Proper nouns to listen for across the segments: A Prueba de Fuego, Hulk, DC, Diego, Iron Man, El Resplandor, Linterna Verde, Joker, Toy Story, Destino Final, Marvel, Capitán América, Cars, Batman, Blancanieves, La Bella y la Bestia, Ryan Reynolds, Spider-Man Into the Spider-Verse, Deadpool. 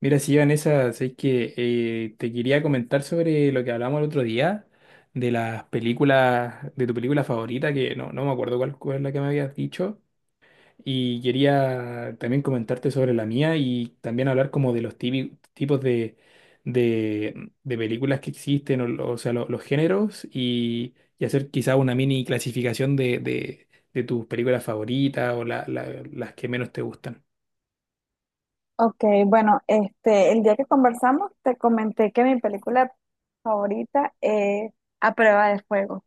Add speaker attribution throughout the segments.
Speaker 1: Mira, sí, Vanessa, sé que te quería comentar sobre lo que hablamos el otro día, de las películas, de tu película favorita, que no me acuerdo cuál, cuál es la que me habías dicho, y quería también comentarte sobre la mía y también hablar como de los tipos de, de películas que existen, o, o sea, lo- los géneros, y hacer quizá una mini clasificación de, de tus películas favoritas o las que menos te gustan.
Speaker 2: Ok, bueno, el día que conversamos te comenté que mi película favorita es A Prueba de Fuego.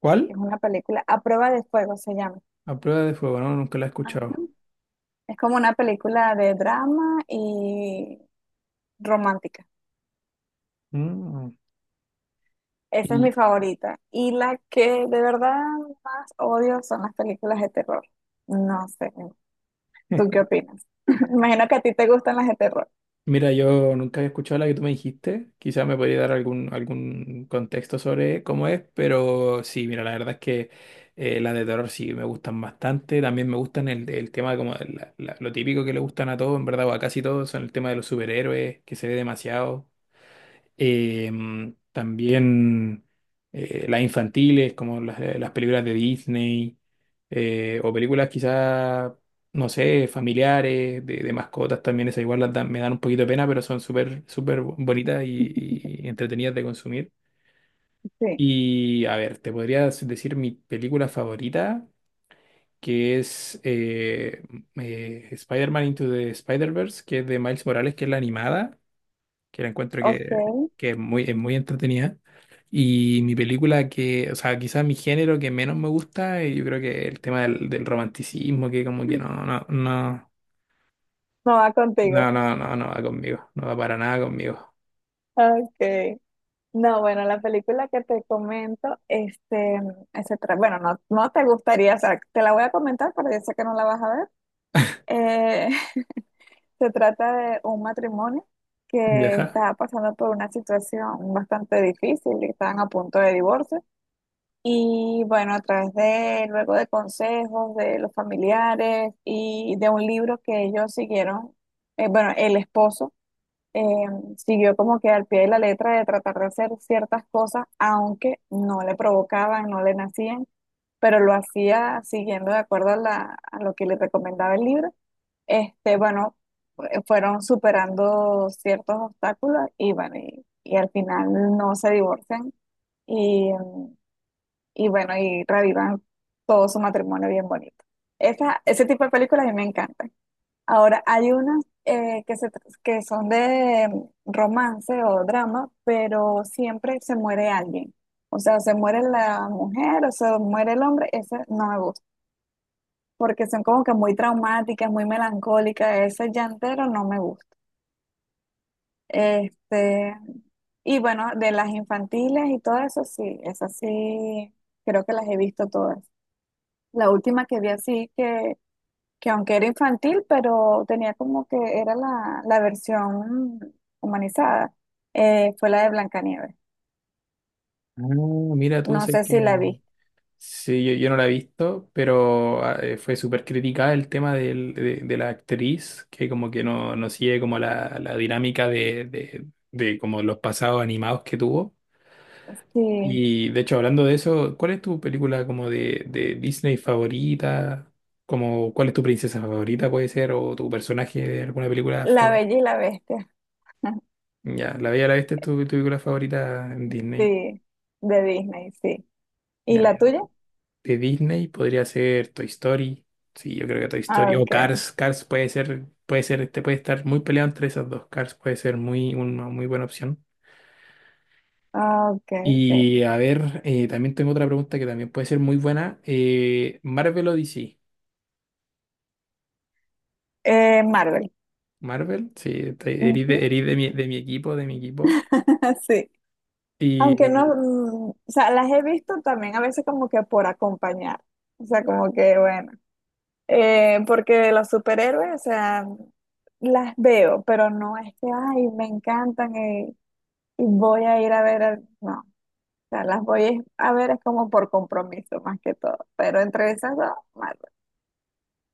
Speaker 1: ¿Cuál?
Speaker 2: Es una película, A Prueba de Fuego se llama.
Speaker 1: A prueba de fuego, no, nunca la he
Speaker 2: Ajá.
Speaker 1: escuchado.
Speaker 2: Es como una película de drama y romántica.
Speaker 1: Mm.
Speaker 2: Esa es mi
Speaker 1: Y
Speaker 2: favorita. Y la que de verdad más odio son las películas de terror. No sé, ¿tú qué opinas? Imagino que a ti te gustan las de terror.
Speaker 1: mira, yo nunca había escuchado la que tú me dijiste. Quizás me podría dar algún, algún contexto sobre cómo es, pero sí, mira, la verdad es que las de terror sí me gustan bastante. También me gustan el tema como de lo típico que le gustan a todos, en verdad, o a casi todos, son el tema de los superhéroes, que se ve demasiado. También las infantiles, como las películas de Disney, o películas quizás, no sé, familiares, de mascotas también, esas igual me dan un poquito de pena, pero son súper, súper bonitas y entretenidas de consumir.
Speaker 2: Sí,
Speaker 1: Y a ver, te podría decir mi película favorita, que es Spider-Man Into the Spider-Verse, que es de Miles Morales, que es la animada que la encuentro
Speaker 2: ok,
Speaker 1: que es muy entretenida. Y mi película que, o sea, quizás mi género que menos me gusta, yo creo que el tema del, del romanticismo, que como que
Speaker 2: no va contigo.
Speaker 1: no va conmigo, no va para nada conmigo.
Speaker 2: Okay. No, bueno, la película que te comento, bueno, no, no te gustaría, o sea, te la voy a comentar, pero yo sé que no la vas a ver. Eh, se trata de un matrimonio que
Speaker 1: Ya.
Speaker 2: está pasando por una situación bastante difícil, y están a punto de divorcio. Y bueno, a través de, luego de consejos de los familiares y de un libro que ellos siguieron, bueno, el esposo eh, siguió como que al pie de la letra de tratar de hacer ciertas cosas, aunque no le provocaban, no le nacían, pero lo hacía siguiendo de acuerdo a, a lo que le recomendaba el libro. Bueno, fueron superando ciertos obstáculos y bueno, y al final no se divorcian y, y bueno, y revivan todo su matrimonio bien bonito. Esa, ese tipo de películas a mí me encantan. Ahora, hay unas que son de romance o drama, pero siempre se muere alguien. O sea, se muere la mujer o se muere el hombre, ese no me gusta, porque son como que muy traumáticas, muy melancólicas, ese llantero no me gusta. Este, y bueno, de las infantiles y todo eso, sí, esas sí, creo que las he visto todas. La última que vi así que aunque era infantil, pero tenía como que era la versión humanizada, fue la de Blancanieves.
Speaker 1: Ah, mira tú,
Speaker 2: No
Speaker 1: sé
Speaker 2: sé si la
Speaker 1: que
Speaker 2: viste.
Speaker 1: sí, yo no la he visto, pero ah, fue súper criticada el tema de la actriz, que como que no, no sigue como la dinámica de, de como los pasados animados que tuvo.
Speaker 2: Sí,
Speaker 1: Y de hecho, hablando de eso, ¿cuál es tu película como de Disney favorita? Como, ¿cuál es tu princesa favorita puede ser? ¿O tu personaje de alguna película
Speaker 2: La
Speaker 1: favorita?
Speaker 2: Bella y la Bestia.
Speaker 1: Ya, La Bella y la Bestia es tu, tu película favorita en Disney.
Speaker 2: Sí, de Disney, sí. ¿Y
Speaker 1: Ya,
Speaker 2: la
Speaker 1: mira.
Speaker 2: tuya?
Speaker 1: De Disney podría ser Toy Story. Sí, yo creo que Toy
Speaker 2: Ah,
Speaker 1: Story. O
Speaker 2: ok,
Speaker 1: Cars. Cars puede ser, este puede estar muy peleado entre esas dos. Cars puede ser muy, una muy buena opción.
Speaker 2: ah, ok, ok.
Speaker 1: Y a ver, también tengo otra pregunta que también puede ser muy buena. ¿Marvel o DC?
Speaker 2: Marvel.
Speaker 1: Marvel, sí,
Speaker 2: Ujú.
Speaker 1: erí de mi equipo, de mi equipo.
Speaker 2: Sí. Aunque no,
Speaker 1: Y
Speaker 2: mm, o sea, las he visto también a veces como que por acompañar. O sea, como que, bueno. Porque los superhéroes, o sea, las veo, pero no es que, ay, me encantan y, voy a ir a ver, al-". No, o sea, a ver es como por compromiso más que todo, pero entre esas dos, Marvel.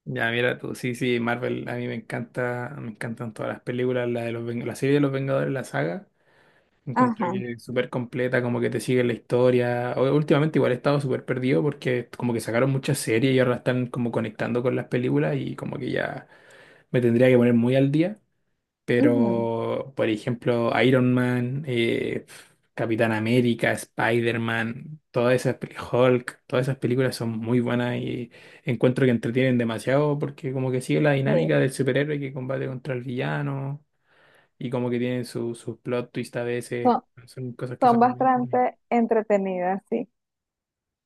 Speaker 1: ya, mira tú, sí, sí, Marvel, a mí me encanta, me encantan todas las películas, la de los, la serie de los Vengadores, la saga. Encuentro
Speaker 2: Ajá,
Speaker 1: que es súper completa, como que te sigue la historia. Últimamente igual he estado súper perdido porque como que sacaron muchas series y ahora la están como conectando con las películas y como que ya me tendría que poner muy al día.
Speaker 2: ujú,
Speaker 1: Pero, por ejemplo, Iron Man, Capitán América, Spider-Man, todas esas, Hulk, todas esas películas son muy buenas y encuentro que entretienen demasiado porque como que sigue la dinámica
Speaker 2: sí,
Speaker 1: del superhéroe que combate contra el villano y como que tienen sus plot twist a veces,
Speaker 2: son,
Speaker 1: son cosas que
Speaker 2: son
Speaker 1: son muy entretenidas.
Speaker 2: bastante entretenidas, sí.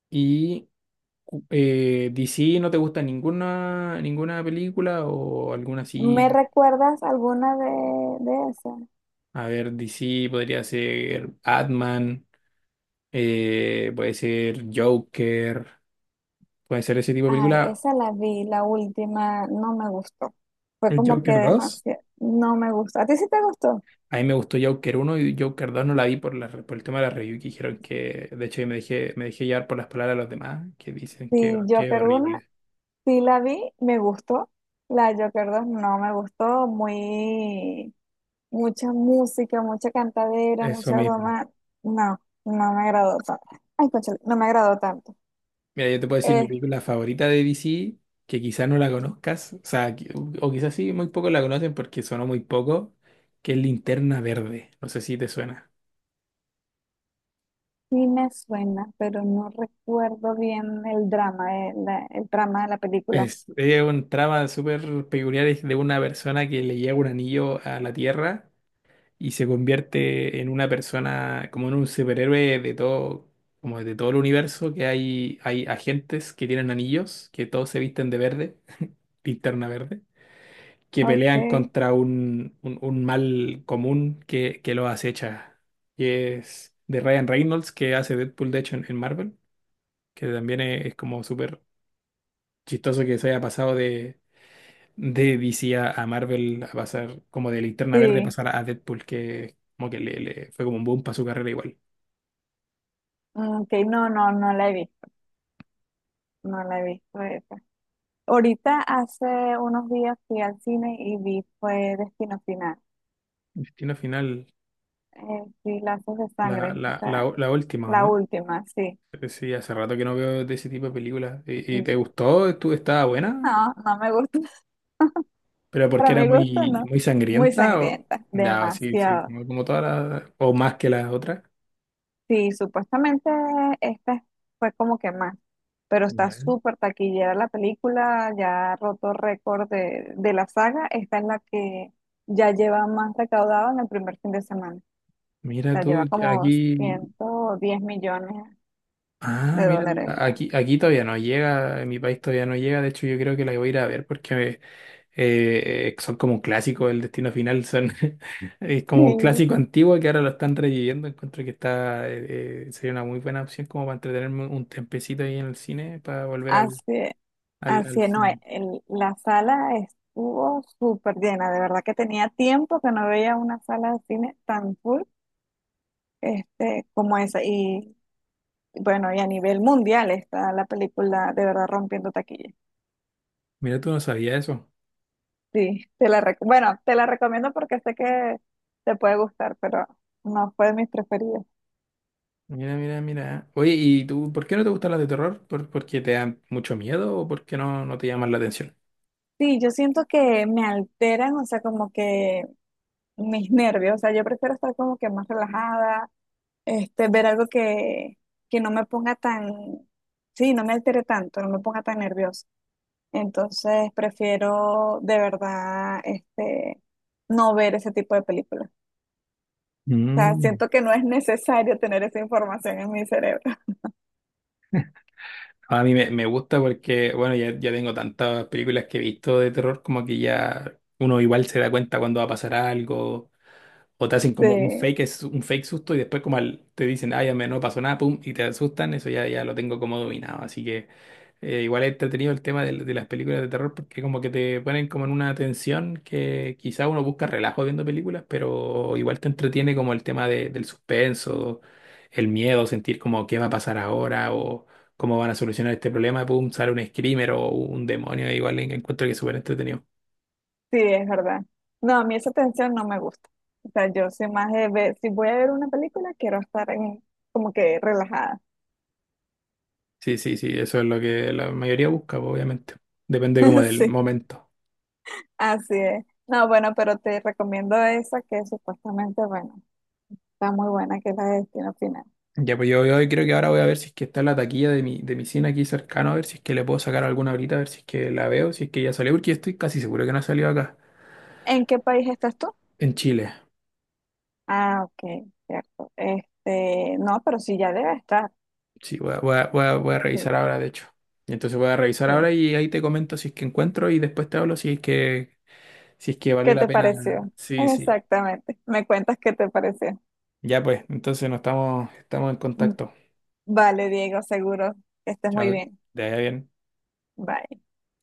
Speaker 1: ¿Y DC no te gusta ninguna, ninguna película o alguna
Speaker 2: ¿Me
Speaker 1: así?
Speaker 2: recuerdas alguna de esas?
Speaker 1: A ver, DC podría ser Batman. Puede ser Joker, puede ser ese tipo de
Speaker 2: Ay,
Speaker 1: película.
Speaker 2: esa la vi, la última, no me gustó. Fue
Speaker 1: ¿El
Speaker 2: como que
Speaker 1: Joker dos?
Speaker 2: demasiado, no me gustó. ¿A ti sí te gustó?
Speaker 1: A mí me gustó Joker uno y Joker 2 no la vi por, la, por el tema de la review que dijeron que, de hecho, yo me dejé llevar por las palabras de los demás que dicen
Speaker 2: Sí,
Speaker 1: que
Speaker 2: Joker 1
Speaker 1: horrible.
Speaker 2: sí la vi, me gustó. La de Joker 2 no me gustó, muy mucha música, mucha cantadera,
Speaker 1: Eso
Speaker 2: mucha
Speaker 1: mismo.
Speaker 2: broma. No, no me agradó tanto. Ay, cónchale, no me agradó tanto.
Speaker 1: Mira, yo te puedo decir mi
Speaker 2: Eh,
Speaker 1: película favorita de DC, que quizás no la conozcas, o sea, o quizás sí, muy pocos la conocen porque sonó muy poco, que es Linterna Verde. No sé si te suena.
Speaker 2: sí me suena, pero no recuerdo bien el drama, el drama de la película.
Speaker 1: Es un trama súper peculiar, es de una persona que le llega un anillo a la Tierra y se convierte en una persona, como en un superhéroe de todo, como de todo el universo, que hay agentes que tienen anillos, que todos se visten de verde, linterna verde, que pelean
Speaker 2: Okay,
Speaker 1: contra un, un mal común que los acecha. Y es de Ryan Reynolds, que hace Deadpool, de hecho, en Marvel, que también es como súper chistoso que se haya pasado de DC a Marvel, a pasar como de Linterna Verde,
Speaker 2: sí.
Speaker 1: pasar a Deadpool, que como que le fue como un boom para su carrera igual.
Speaker 2: Ok, no, no, no la vi, no la vi. Fue esa. Ahorita hace unos días fui al cine y vi fue Destino Final.
Speaker 1: Destino Final,
Speaker 2: Sí, lazos de sangre.
Speaker 1: la última, ¿o
Speaker 2: La
Speaker 1: ¿no?
Speaker 2: última, sí.
Speaker 1: Sí, hace rato que no veo de ese tipo de películas. Y
Speaker 2: No,
Speaker 1: te gustó? Estaba buena?
Speaker 2: no me gusta.
Speaker 1: ¿Pero porque
Speaker 2: Para
Speaker 1: era
Speaker 2: mi gusto,
Speaker 1: muy,
Speaker 2: no.
Speaker 1: muy
Speaker 2: Muy
Speaker 1: sangrienta? ¿O?
Speaker 2: sangrienta,
Speaker 1: Ya, sí, sí,
Speaker 2: demasiado.
Speaker 1: como, como todas las... ¿O más que las otras?
Speaker 2: Sí, supuestamente esta fue como que más, pero está
Speaker 1: Ya.
Speaker 2: súper taquillera la película, ya ha roto récord de la saga. Esta es la que ya lleva más recaudado en el primer fin de semana. O
Speaker 1: Mira
Speaker 2: sea, lleva
Speaker 1: tú, que
Speaker 2: como
Speaker 1: aquí...
Speaker 2: 110 millones
Speaker 1: Ah,
Speaker 2: de
Speaker 1: mira tú.
Speaker 2: dólares ya.
Speaker 1: Aquí, aquí todavía no llega, en mi país todavía no llega. De hecho, yo creo que la voy a ir a ver porque son como un clásico del Destino Final, son es como un
Speaker 2: Sí.
Speaker 1: clásico antiguo que ahora lo están reviviendo. Encuentro que está sería una muy buena opción como para entretenerme un tempecito ahí en el cine para volver al,
Speaker 2: Hace,
Speaker 1: al
Speaker 2: no,
Speaker 1: cine.
Speaker 2: la sala estuvo súper llena, de verdad que tenía tiempo que no veía una sala de cine tan full como esa. Y bueno, y a nivel mundial está la película de verdad rompiendo taquilla.
Speaker 1: Mira, tú no sabías eso.
Speaker 2: Sí, bueno, te la recomiendo porque sé que te puede gustar, pero no fue de mis preferidas.
Speaker 1: Mira, mira, mira. Oye, ¿y tú por qué no te gustan las de terror? ¿Por, porque te dan mucho miedo o porque no, no te llaman la atención?
Speaker 2: Sí, yo siento que me alteran, o sea, como que mis nervios, o sea, yo prefiero estar como que más relajada, ver algo que no me ponga tan, sí, no me altere tanto, no me ponga tan nerviosa. Entonces prefiero de verdad no ver ese tipo de películas. O sea,
Speaker 1: Mm.
Speaker 2: siento que no es necesario tener esa información en mi cerebro.
Speaker 1: A mí me gusta porque, bueno, ya, ya tengo tantas películas que he visto de terror, como que ya uno igual se da cuenta cuando va a pasar algo. O te hacen como un
Speaker 2: Sí,
Speaker 1: fake, es un fake susto y después como te dicen, ay, a mí no pasó nada, pum, y te asustan, eso ya, ya lo tengo como dominado. Así que igual he entretenido el tema de las películas de terror porque como que te ponen como en una tensión que quizá uno busca relajo viendo películas, pero igual te entretiene como el tema del suspenso, el miedo, sentir como qué va a pasar ahora o cómo van a solucionar este problema, pum, sale un screamer o un demonio, igual encuentro que es súper entretenido.
Speaker 2: sí, es verdad. No, a mí esa tensión no me gusta. O sea, yo soy más de ver, si voy a ver una película, quiero estar en- como que relajada.
Speaker 1: Sí, sí, sí, eso es lo que la mayoría busca, pues, obviamente. Depende como del
Speaker 2: Sí,
Speaker 1: momento.
Speaker 2: así es. No, bueno, pero te recomiendo esa que supuestamente, bueno. Está muy buena que es la de Destino Final.
Speaker 1: Ya, pues yo creo que ahora voy a ver si es que está en la taquilla de mi cine aquí cercano, a ver si es que le puedo sacar alguna ahorita, a ver si es que la veo, si es que ya salió, porque estoy casi seguro que no ha salido acá,
Speaker 2: ¿En qué país estás tú?
Speaker 1: en Chile.
Speaker 2: Ah, ok, cierto. No, pero sí ya debe estar.
Speaker 1: Sí, voy a, voy a, voy a revisar
Speaker 2: Sí,
Speaker 1: ahora, de hecho. Y entonces voy a revisar
Speaker 2: sí.
Speaker 1: ahora y ahí te comento si es que encuentro y después te hablo si es que, si es que valió
Speaker 2: ¿Qué
Speaker 1: la
Speaker 2: te
Speaker 1: pena.
Speaker 2: pareció?
Speaker 1: Sí, sí.
Speaker 2: Exactamente. Me cuentas qué te pareció.
Speaker 1: Ya, pues, entonces nos estamos, estamos en
Speaker 2: Mm,
Speaker 1: contacto.
Speaker 2: vale, Diego, seguro que estés muy
Speaker 1: Chao,
Speaker 2: bien.
Speaker 1: te vaya bien.
Speaker 2: Bye.